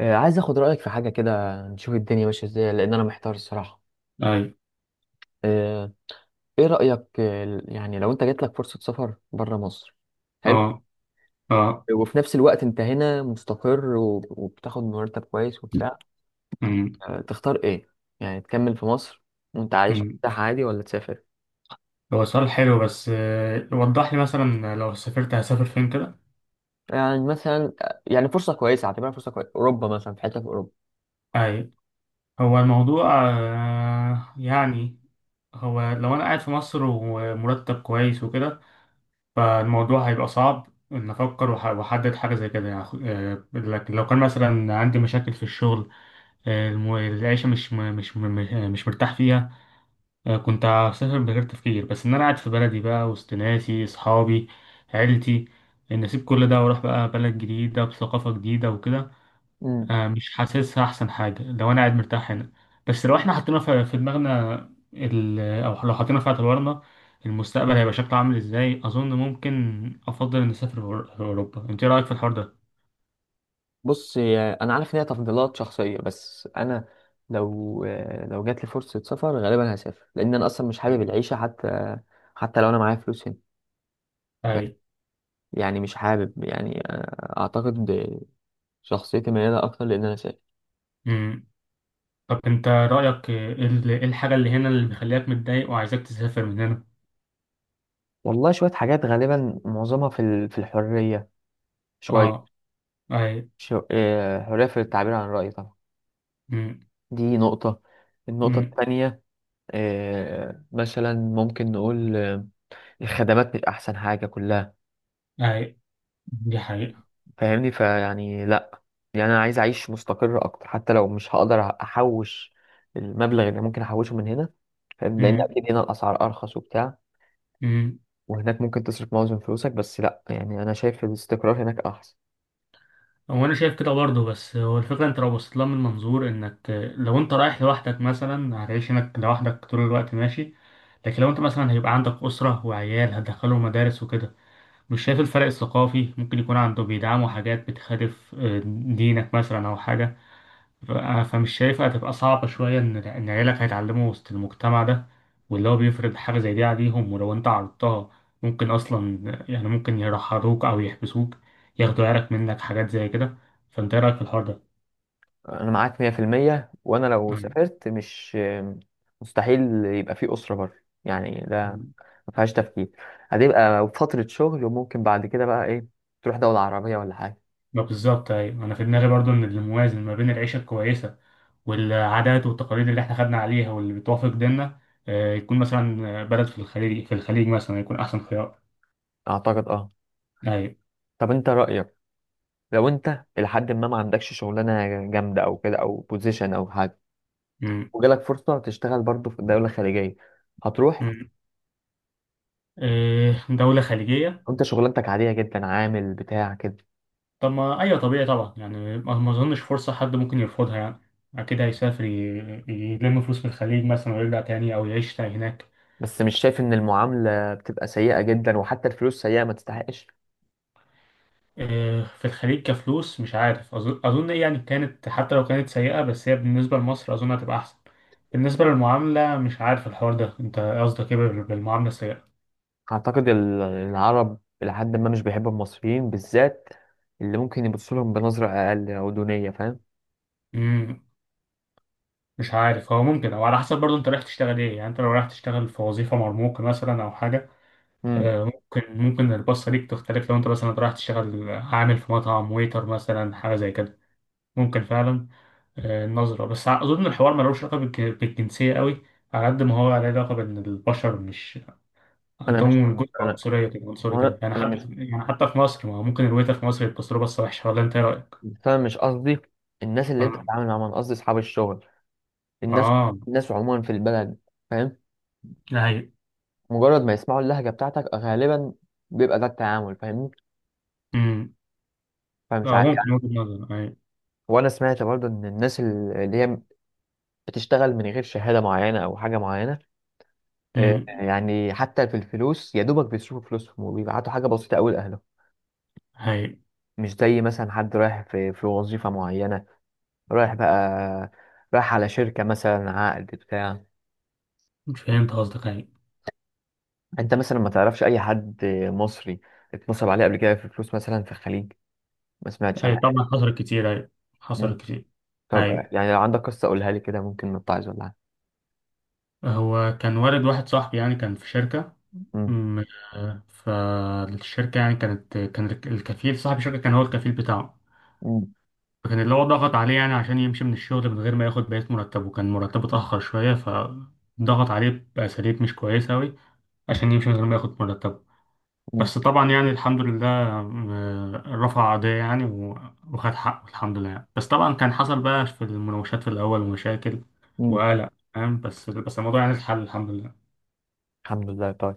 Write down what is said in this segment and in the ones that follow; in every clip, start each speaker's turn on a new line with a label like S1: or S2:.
S1: عايز اخد رأيك في حاجة كده، نشوف الدنيا ماشية ازاي لان انا محتار الصراحة.
S2: أي.
S1: آه، ايه رأيك؟ يعني لو انت جات لك فرصة سفر بره مصر، حلو،
S2: أه. أه.
S1: وفي نفس الوقت انت هنا مستقر وبتاخد مرتب كويس وبتاع،
S2: أمم،
S1: تختار ايه؟ يعني تكمل في مصر وانت عايش
S2: أمم.
S1: مرتاح عادي، ولا تسافر؟
S2: هو سؤال حلو بس وضح لي مثلا لو سافرت هسافر فين كده.
S1: يعني مثلا يعني فرصة كويسة، اعتبرها فرصة كويسة، اوروبا مثلا، في حتة في
S2: أي. هو الموضوع يعني، هو لو أنا قاعد في مصر ومرتب كويس وكده، فالموضوع هيبقى صعب إن أفكر وأحدد حاجة زي كده يعني. لكن لو كان مثلا عندي مشاكل في الشغل، العيشة مش مرتاح فيها. كنت هسافر من غير تفكير، بس ان انا قاعد في بلدي بقى وسط ناسي، اصحابي، عيلتي، ان اسيب كل ده واروح بقى بلد جديدة بثقافة جديدة وكده.
S1: اوروبا.
S2: مش حاسسها احسن حاجة لو انا قاعد مرتاح هنا. بس لو احنا حطينا في دماغنا او لو حطينا في اعتبارنا المستقبل هيبقى شكله عامل ازاي، اظن ممكن افضل ان اسافر اوروبا. انت إيه رايك في الحوار ده؟
S1: بص، انا عارف ان هي تفضيلات شخصيه، بس انا لو لو جات لي فرصه سفر غالبا هسافر، لان انا اصلا مش حابب العيشه، حتى حتى لو انا معايا فلوس هنا. ف-
S2: اي.
S1: يعني مش حابب، يعني اعتقد شخصيتي مياله اكتر لان انا سافر.
S2: امم. طب انت رايك ايه، إيه الحاجة اللي هنا اللي مخليك متضايق وعايزك تسافر من هنا؟
S1: والله شوية حاجات، غالبا معظمها في في الحرية،
S2: اه.
S1: شوية
S2: اي.
S1: شو... آه، حرية في التعبير عن الرأي طبعا، دي نقطة. النقطة
S2: امم.
S1: التانية، مثلا ممكن نقول الخدمات مش أحسن حاجة كلها.
S2: اي. دي حقيقة.
S1: فاهمني؟ فيعني لا، يعني انا عايز اعيش مستقر اكتر حتى لو مش هقدر احوش المبلغ اللي ممكن احوشه من هنا، فاهم؟ لان
S2: امم.
S1: اكيد هنا الاسعار ارخص وبتاع،
S2: امم.
S1: وهناك ممكن تصرف معظم فلوسك، بس لا، يعني انا شايف الاستقرار هناك احسن.
S2: هو انا شايف كده برضه، بس هو الفكرة، انت لو بصيت لها من منظور انك، لو انت رايح لوحدك مثلا هتعيش هناك لوحدك طول الوقت ماشي. لكن لو انت مثلا هيبقى عندك أسرة وعيال هتدخلهم مدارس وكده، مش شايف الفرق الثقافي ممكن يكون عنده بيدعموا حاجات بتخالف دينك مثلا او حاجة. ف- فمش شايفها هتبقى صعبة شوية إن عيالك هيتعلموا وسط المجتمع ده، واللي هو بيفرض حاجة زي دي عليهم، ولو أنت عرضتها ممكن أصلا، يعني ممكن يرحروك أو يحبسوك، ياخدوا عيالك منك، حاجات زي كده. فأنت إيه رأيك في الحوار ده؟
S1: انا معاك 100%، وانا لو
S2: يعني-
S1: سافرت مش، مستحيل يبقى في اسره بره، يعني ده ما فيهاش تفكير، هتبقى فتره شغل، وممكن بعد كده بقى ايه، تروح دوله عربيه ولا حاجه.
S2: ما بالظبط أيوة، أنا في دماغي برضو إن الموازن ما بين العيشة الكويسة والعادات والتقاليد اللي إحنا خدنا عليها واللي بتوافق ديننا، يكون مثلا بلد في الخليج مثلا يكون أحسن خيار.
S1: اعتقد اه.
S2: أيوة.
S1: طب انت رايك، لو انت لحد ما ما عندكش شغلانه جامده او كده او بوزيشن او حاجه،
S2: م-
S1: وجالك فرصه تشتغل برضه في دوله خليجيه، هتروح
S2: م. دولة خليجية.
S1: وانت شغلانتك عاديه جدا، عامل بتاع كده؟
S2: طب ما ايوه، طبيعي طبعا يعني، ما اظنش فرصه حد ممكن يرفضها يعني. اكيد هيسافر، يلم فلوس في الخليج مثلا ويرجع تاني، او يعيش تاني هناك.
S1: بس مش شايف ان المعامله بتبقى سيئه جدا، وحتى الفلوس سيئه ما تستحقش؟
S2: إيه، في الخليج كفلوس مش عارف، اظن، اظن إيه يعني، كانت حتى لو كانت سيئه، بس هي بالنسبه لمصر اظن هتبقى احسن. بالنسبه للمعامله مش عارف الحوار ده، انت قصدك ايه بالمعامله السيئه؟
S1: اعتقد العرب لحد ما مش بيحبوا المصريين بالذات، اللي ممكن يبصوا لهم بنظره اقل او دونيه، فاهم؟
S2: امم. مش عارف، هو ممكن او على حسب برضه انت رايح تشتغل ايه يعني. انت لو رايح تشتغل في وظيفه مرموقه مثلا او حاجه،
S1: امم.
S2: ممكن البصة ليك تختلف. لو انت مثلا رايح تشتغل عامل في مطعم، ويتر مثلا، حاجة زي كده، ممكن فعلا. النظرة بس، أظن الحوار ملوش علاقة بالجنسية قوي، على قد ما هو عليه علاقة بإن البشر مش
S1: انا مش
S2: عندهم جزء،
S1: انا
S2: عنصرية كده، عنصري كده
S1: انا
S2: يعني.
S1: انا
S2: حتى
S1: مش
S2: يعني، حتى في مصر، ما هو ممكن الويتر في مصر يبص له بصة وحشة. ولا أنت إيه رأيك؟
S1: بس انا مش قصدي الناس اللي انت
S2: آه.
S1: بتتعامل معاهم، انا قصدي اصحاب الشغل، الناس،
S2: آه.
S1: الناس عموما في البلد، فاهم؟
S2: ده هي.
S1: مجرد ما يسمعوا اللهجة بتاعتك غالبا بيبقى ده التعامل، فاهمني؟
S2: أمم.
S1: فمش
S2: آه،
S1: عارف
S2: ممكن
S1: يعني.
S2: وجهة نظر. هي.
S1: وانا سمعت برضو ان الناس اللي هي بتشتغل من غير شهادة معينة او حاجة معينة،
S2: أمم.
S1: يعني حتى في الفلوس يا دوبك بيصرفوا فلوسهم وبيبعتوا حاجة بسيطة قوي لأهلهم،
S2: هي.
S1: مش زي مثلا حد رايح في في وظيفة معينة، رايح بقى، رايح على شركة مثلا عقد بتاع.
S2: فهمت قصدك. هي.
S1: انت مثلا ما تعرفش اي حد مصري اتنصب عليه قبل كده في فلوس مثلا في الخليج؟ ما سمعتش عن
S2: أي، طبعا حصلت كتير. هي.
S1: حاجة؟
S2: حصلت كتير.
S1: طب
S2: هي.
S1: يعني لو عندك قصة قولها لي كده، ممكن نتعظ ولا حاجة.
S2: هو كان والد واحد صاحبي يعني، كان في شركة.
S1: مم.
S2: م- فالشركة يعني كانت، كان الكفيل صاحب الشركة كان هو الكفيل بتاعه.
S1: مم.
S2: فكان اللي هو ضغط عليه يعني عشان يمشي من الشغل من غير ما ياخد بقية مرتبه. كان مرتبه اتأخر شوية فضغط عليه بأساليب مش كويسة أوي عشان يمشي من غير ما ياخد مرتبه.
S1: مم.
S2: بس طبعا يعني الحمد لله رفع قضية يعني، وخد حقه الحمد لله يعني. بس طبعا كان حصل بقى في المناوشات في الأول مشاكل
S1: مم.
S2: وقلق فاهم. بس الموضوع يعني اتحل الحمد لله.
S1: الحمد لله، طيب.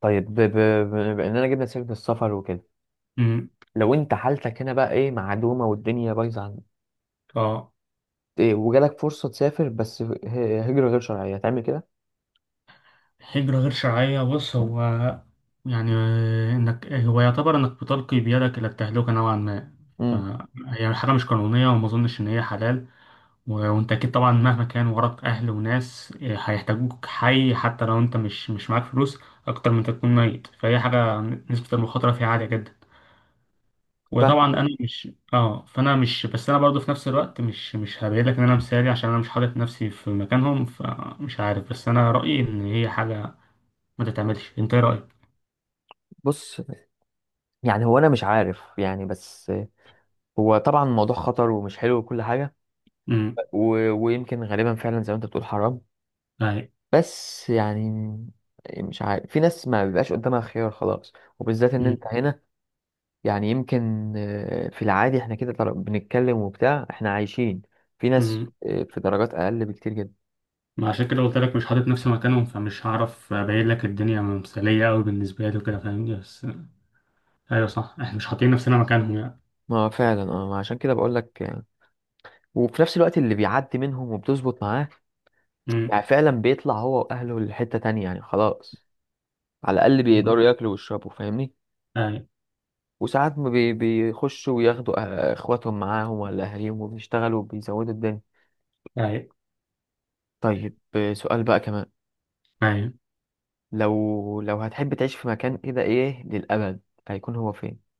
S1: طيب بأننا جبنا سيرة السفر وكده،
S2: مم.
S1: لو أنت حالتك هنا بقى إيه، معدومة والدنيا بايظة عندك،
S2: اه.
S1: إيه، وجالك فرصة تسافر بس هجرة غير شرعية، هتعمل كده؟
S2: هجرة غير شرعية، بص هو يعني، إنك، هو يعتبر إنك بتلقي بيدك إلى التهلكة نوعا ما.
S1: مم.
S2: فهي حاجة مش قانونية وما أظنش إن هي حلال. وأنت أكيد طبعا مهما كان وراك أهل وناس هيحتاجوك حي، حتى لو أنت مش معاك فلوس، أكتر من تكون ميت. فهي حاجة نسبة المخاطرة فيها عالية جدا. وطبعا
S1: ف
S2: أنا مش، أه، فأنا مش، بس أنا برضو في نفس الوقت مش هبعدلك إن أنا مثالي، عشان أنا مش حاطط نفسي في مكانهم فمش عارف. بس أنا رأيي إن هي حاجة ما تتعملش. انت ايه رأيك؟
S1: بص، يعني هو أنا مش عارف يعني، بس هو طبعا الموضوع خطر ومش حلو وكل حاجة،
S2: امم.
S1: ويمكن غالبا فعلا زي ما أنت بتقول حرام،
S2: اي.
S1: بس يعني مش عارف، في ناس ما بيبقاش قدامها خيار خلاص، وبالذات ان
S2: امم.
S1: انت هنا، يعني يمكن في العادي احنا كده بنتكلم وبتاع، احنا عايشين، في ناس
S2: امم.
S1: في درجات اقل بكتير جدا.
S2: ما عشان كده قلت لك مش حاطط نفسي مكانهم، فمش هعرف ابين لك الدنيا مثاليه قوي بالنسبه لي وكده فاهمني. بس ايوه صح، احنا مش حاطين نفسنا مكانهم يعني.
S1: ما هو فعلا اه، ما عشان كده بقول لك وفي نفس الوقت اللي بيعدي منهم وبتظبط معاه،
S2: امم.
S1: يعني فعلا بيطلع هو واهله لحتة تانية، يعني خلاص، على الاقل
S2: أمم.
S1: بيقدروا ياكلوا ويشربوا، فاهمني؟
S2: اي.
S1: وساعات ما بيخشوا وياخدوا اخواتهم معاهم ولا اهاليهم، وبيشتغلوا وبيزودوا الدنيا.
S2: اي.
S1: طيب سؤال بقى كمان،
S2: اي.
S1: لو لو هتحب تعيش في مكان كده ايه للابد، هيكون هو فين؟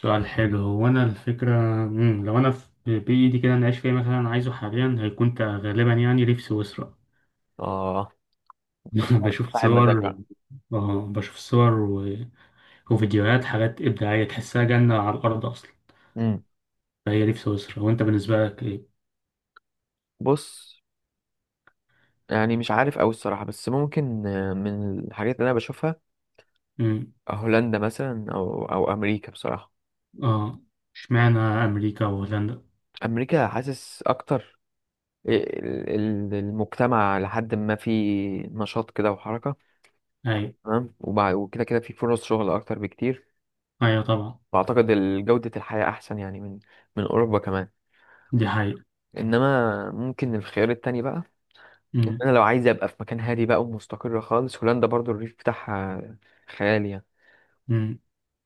S2: سؤال حلو. هو انا الفكره، امم، لو انا في بايدي كده انا اعيش فيها مثلا، عايزه حاليا هيكون غالبا يعني ريف سويسرا.
S1: اه، انت صاحب
S2: بشوف
S1: صاحب مزاج
S2: صور.
S1: بقى.
S2: اه، بشوف صور وفيديوهات حاجات ابداعيه، تحسها جنه على الارض اصلا.
S1: امم،
S2: فهي دي في سويسرا. وانت بالنسبه لك
S1: بص، يعني مش عارف أوي الصراحة، بس ممكن من الحاجات اللي أنا بشوفها،
S2: ايه؟
S1: هولندا مثلا أو أو أمريكا بصراحة.
S2: اه. اشمعنى امريكا وهولندا؟
S1: أمريكا حاسس أكتر المجتمع لحد ما في نشاط كده وحركة،
S2: ايوه.
S1: تمام، وكده كده في فرص شغل أكتر بكتير،
S2: ايوه طبعا.
S1: وأعتقد جودة الحياة أحسن يعني من من أوروبا كمان.
S2: دي حقيقة.
S1: إنما ممكن الخيار التاني بقى، إن
S2: امم.
S1: أنا لو عايز أبقى في مكان هادي بقى ومستقر خالص، هولندا برضو الريف بتاعها خيالي يعني،
S2: امم.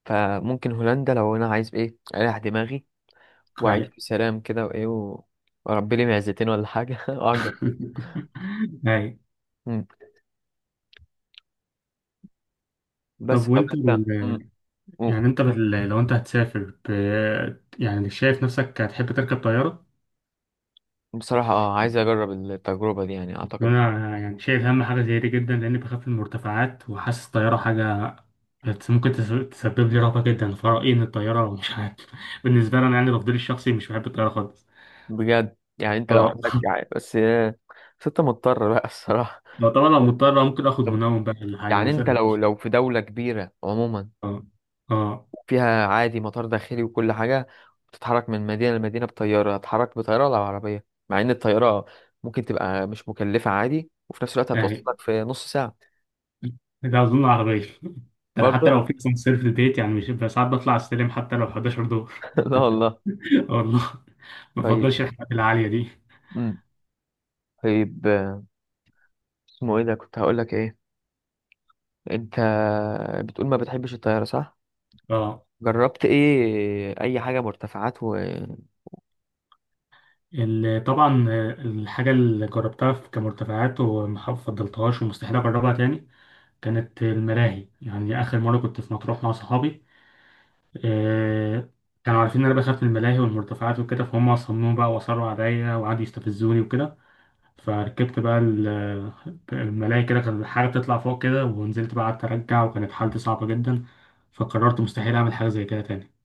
S1: فممكن هولندا لو انا عايز ايه، اريح دماغي واعيش
S2: ايوه.
S1: بسلام كده وايه، واربي لي معزتين ولا حاجه اعجب.
S2: ايوه.
S1: مم. بس
S2: طب
S1: طب
S2: وانت
S1: انت مم. مم.
S2: يعني انت لو انت هتسافر يعني شايف نفسك هتحب تركب طيارة؟
S1: بصراحه اه، عايز اجرب التجربه دي، يعني اعتقد
S2: انا يعني شايف اهم حاجة زي دي جدا، لاني بخاف من المرتفعات وحاسس الطيارة حاجة تسبب لي رهبة جدا. فرأيي ان الطيارة مش عارف. بالنسبة لي انا يعني تفضيلي الشخصي مش بحب الطيارة خالص.
S1: بجد، يعني انت لو
S2: اه.
S1: عندك، يعني بس بس انت مضطر بقى الصراحه.
S2: لو طبعا لو مضطر ممكن اخد
S1: طب
S2: منوم بقى ولا حاجة
S1: يعني انت
S2: مثلا.
S1: لو لو في دوله كبيره عموما،
S2: اه. اه.
S1: فيها عادي مطار داخلي وكل حاجة، بتتحرك من مدينة لمدينة بطيارة، هتحرك بطيارة ولا بعربية، مع إن الطيارة ممكن تبقى مش مكلفة عادي، وفي نفس الوقت
S2: يعني
S1: هتوصلك في نص ساعة؟
S2: ده اظن عربيه. ده انا حتى
S1: برضه
S2: لو في اسانسير في البيت يعني مش، بس ساعات بطلع السلم حتى لو 11 دور.
S1: لا والله.
S2: آه والله. ما
S1: طيب،
S2: بفضلش الحاجات العاليه دي.
S1: امم، طيب اسمه ايه ده، كنت هقولك ايه، انت بتقول ما بتحبش الطيارة صح؟
S2: اه.
S1: جربت ايه، اي حاجة مرتفعات؟
S2: طبعا الحاجه اللي جربتها كمرتفعات وما فضلتهاش ومستحيل اجربها تاني، كانت الملاهي. يعني اخر مره كنت في مطروح مع صحابي، آه، كانوا عارفين ان انا بخاف من الملاهي والمرتفعات وكده، فهم صمموا بقى واصروا عليا وقعدوا يستفزوني وكده. فركبت بقى الملاهي كده، كان الحاجة بتطلع فوق كده ونزلت بقى، قعدت أرجع وكانت حالتي صعبة جدا. فقررت مستحيل أعمل حاجة زي كده تاني.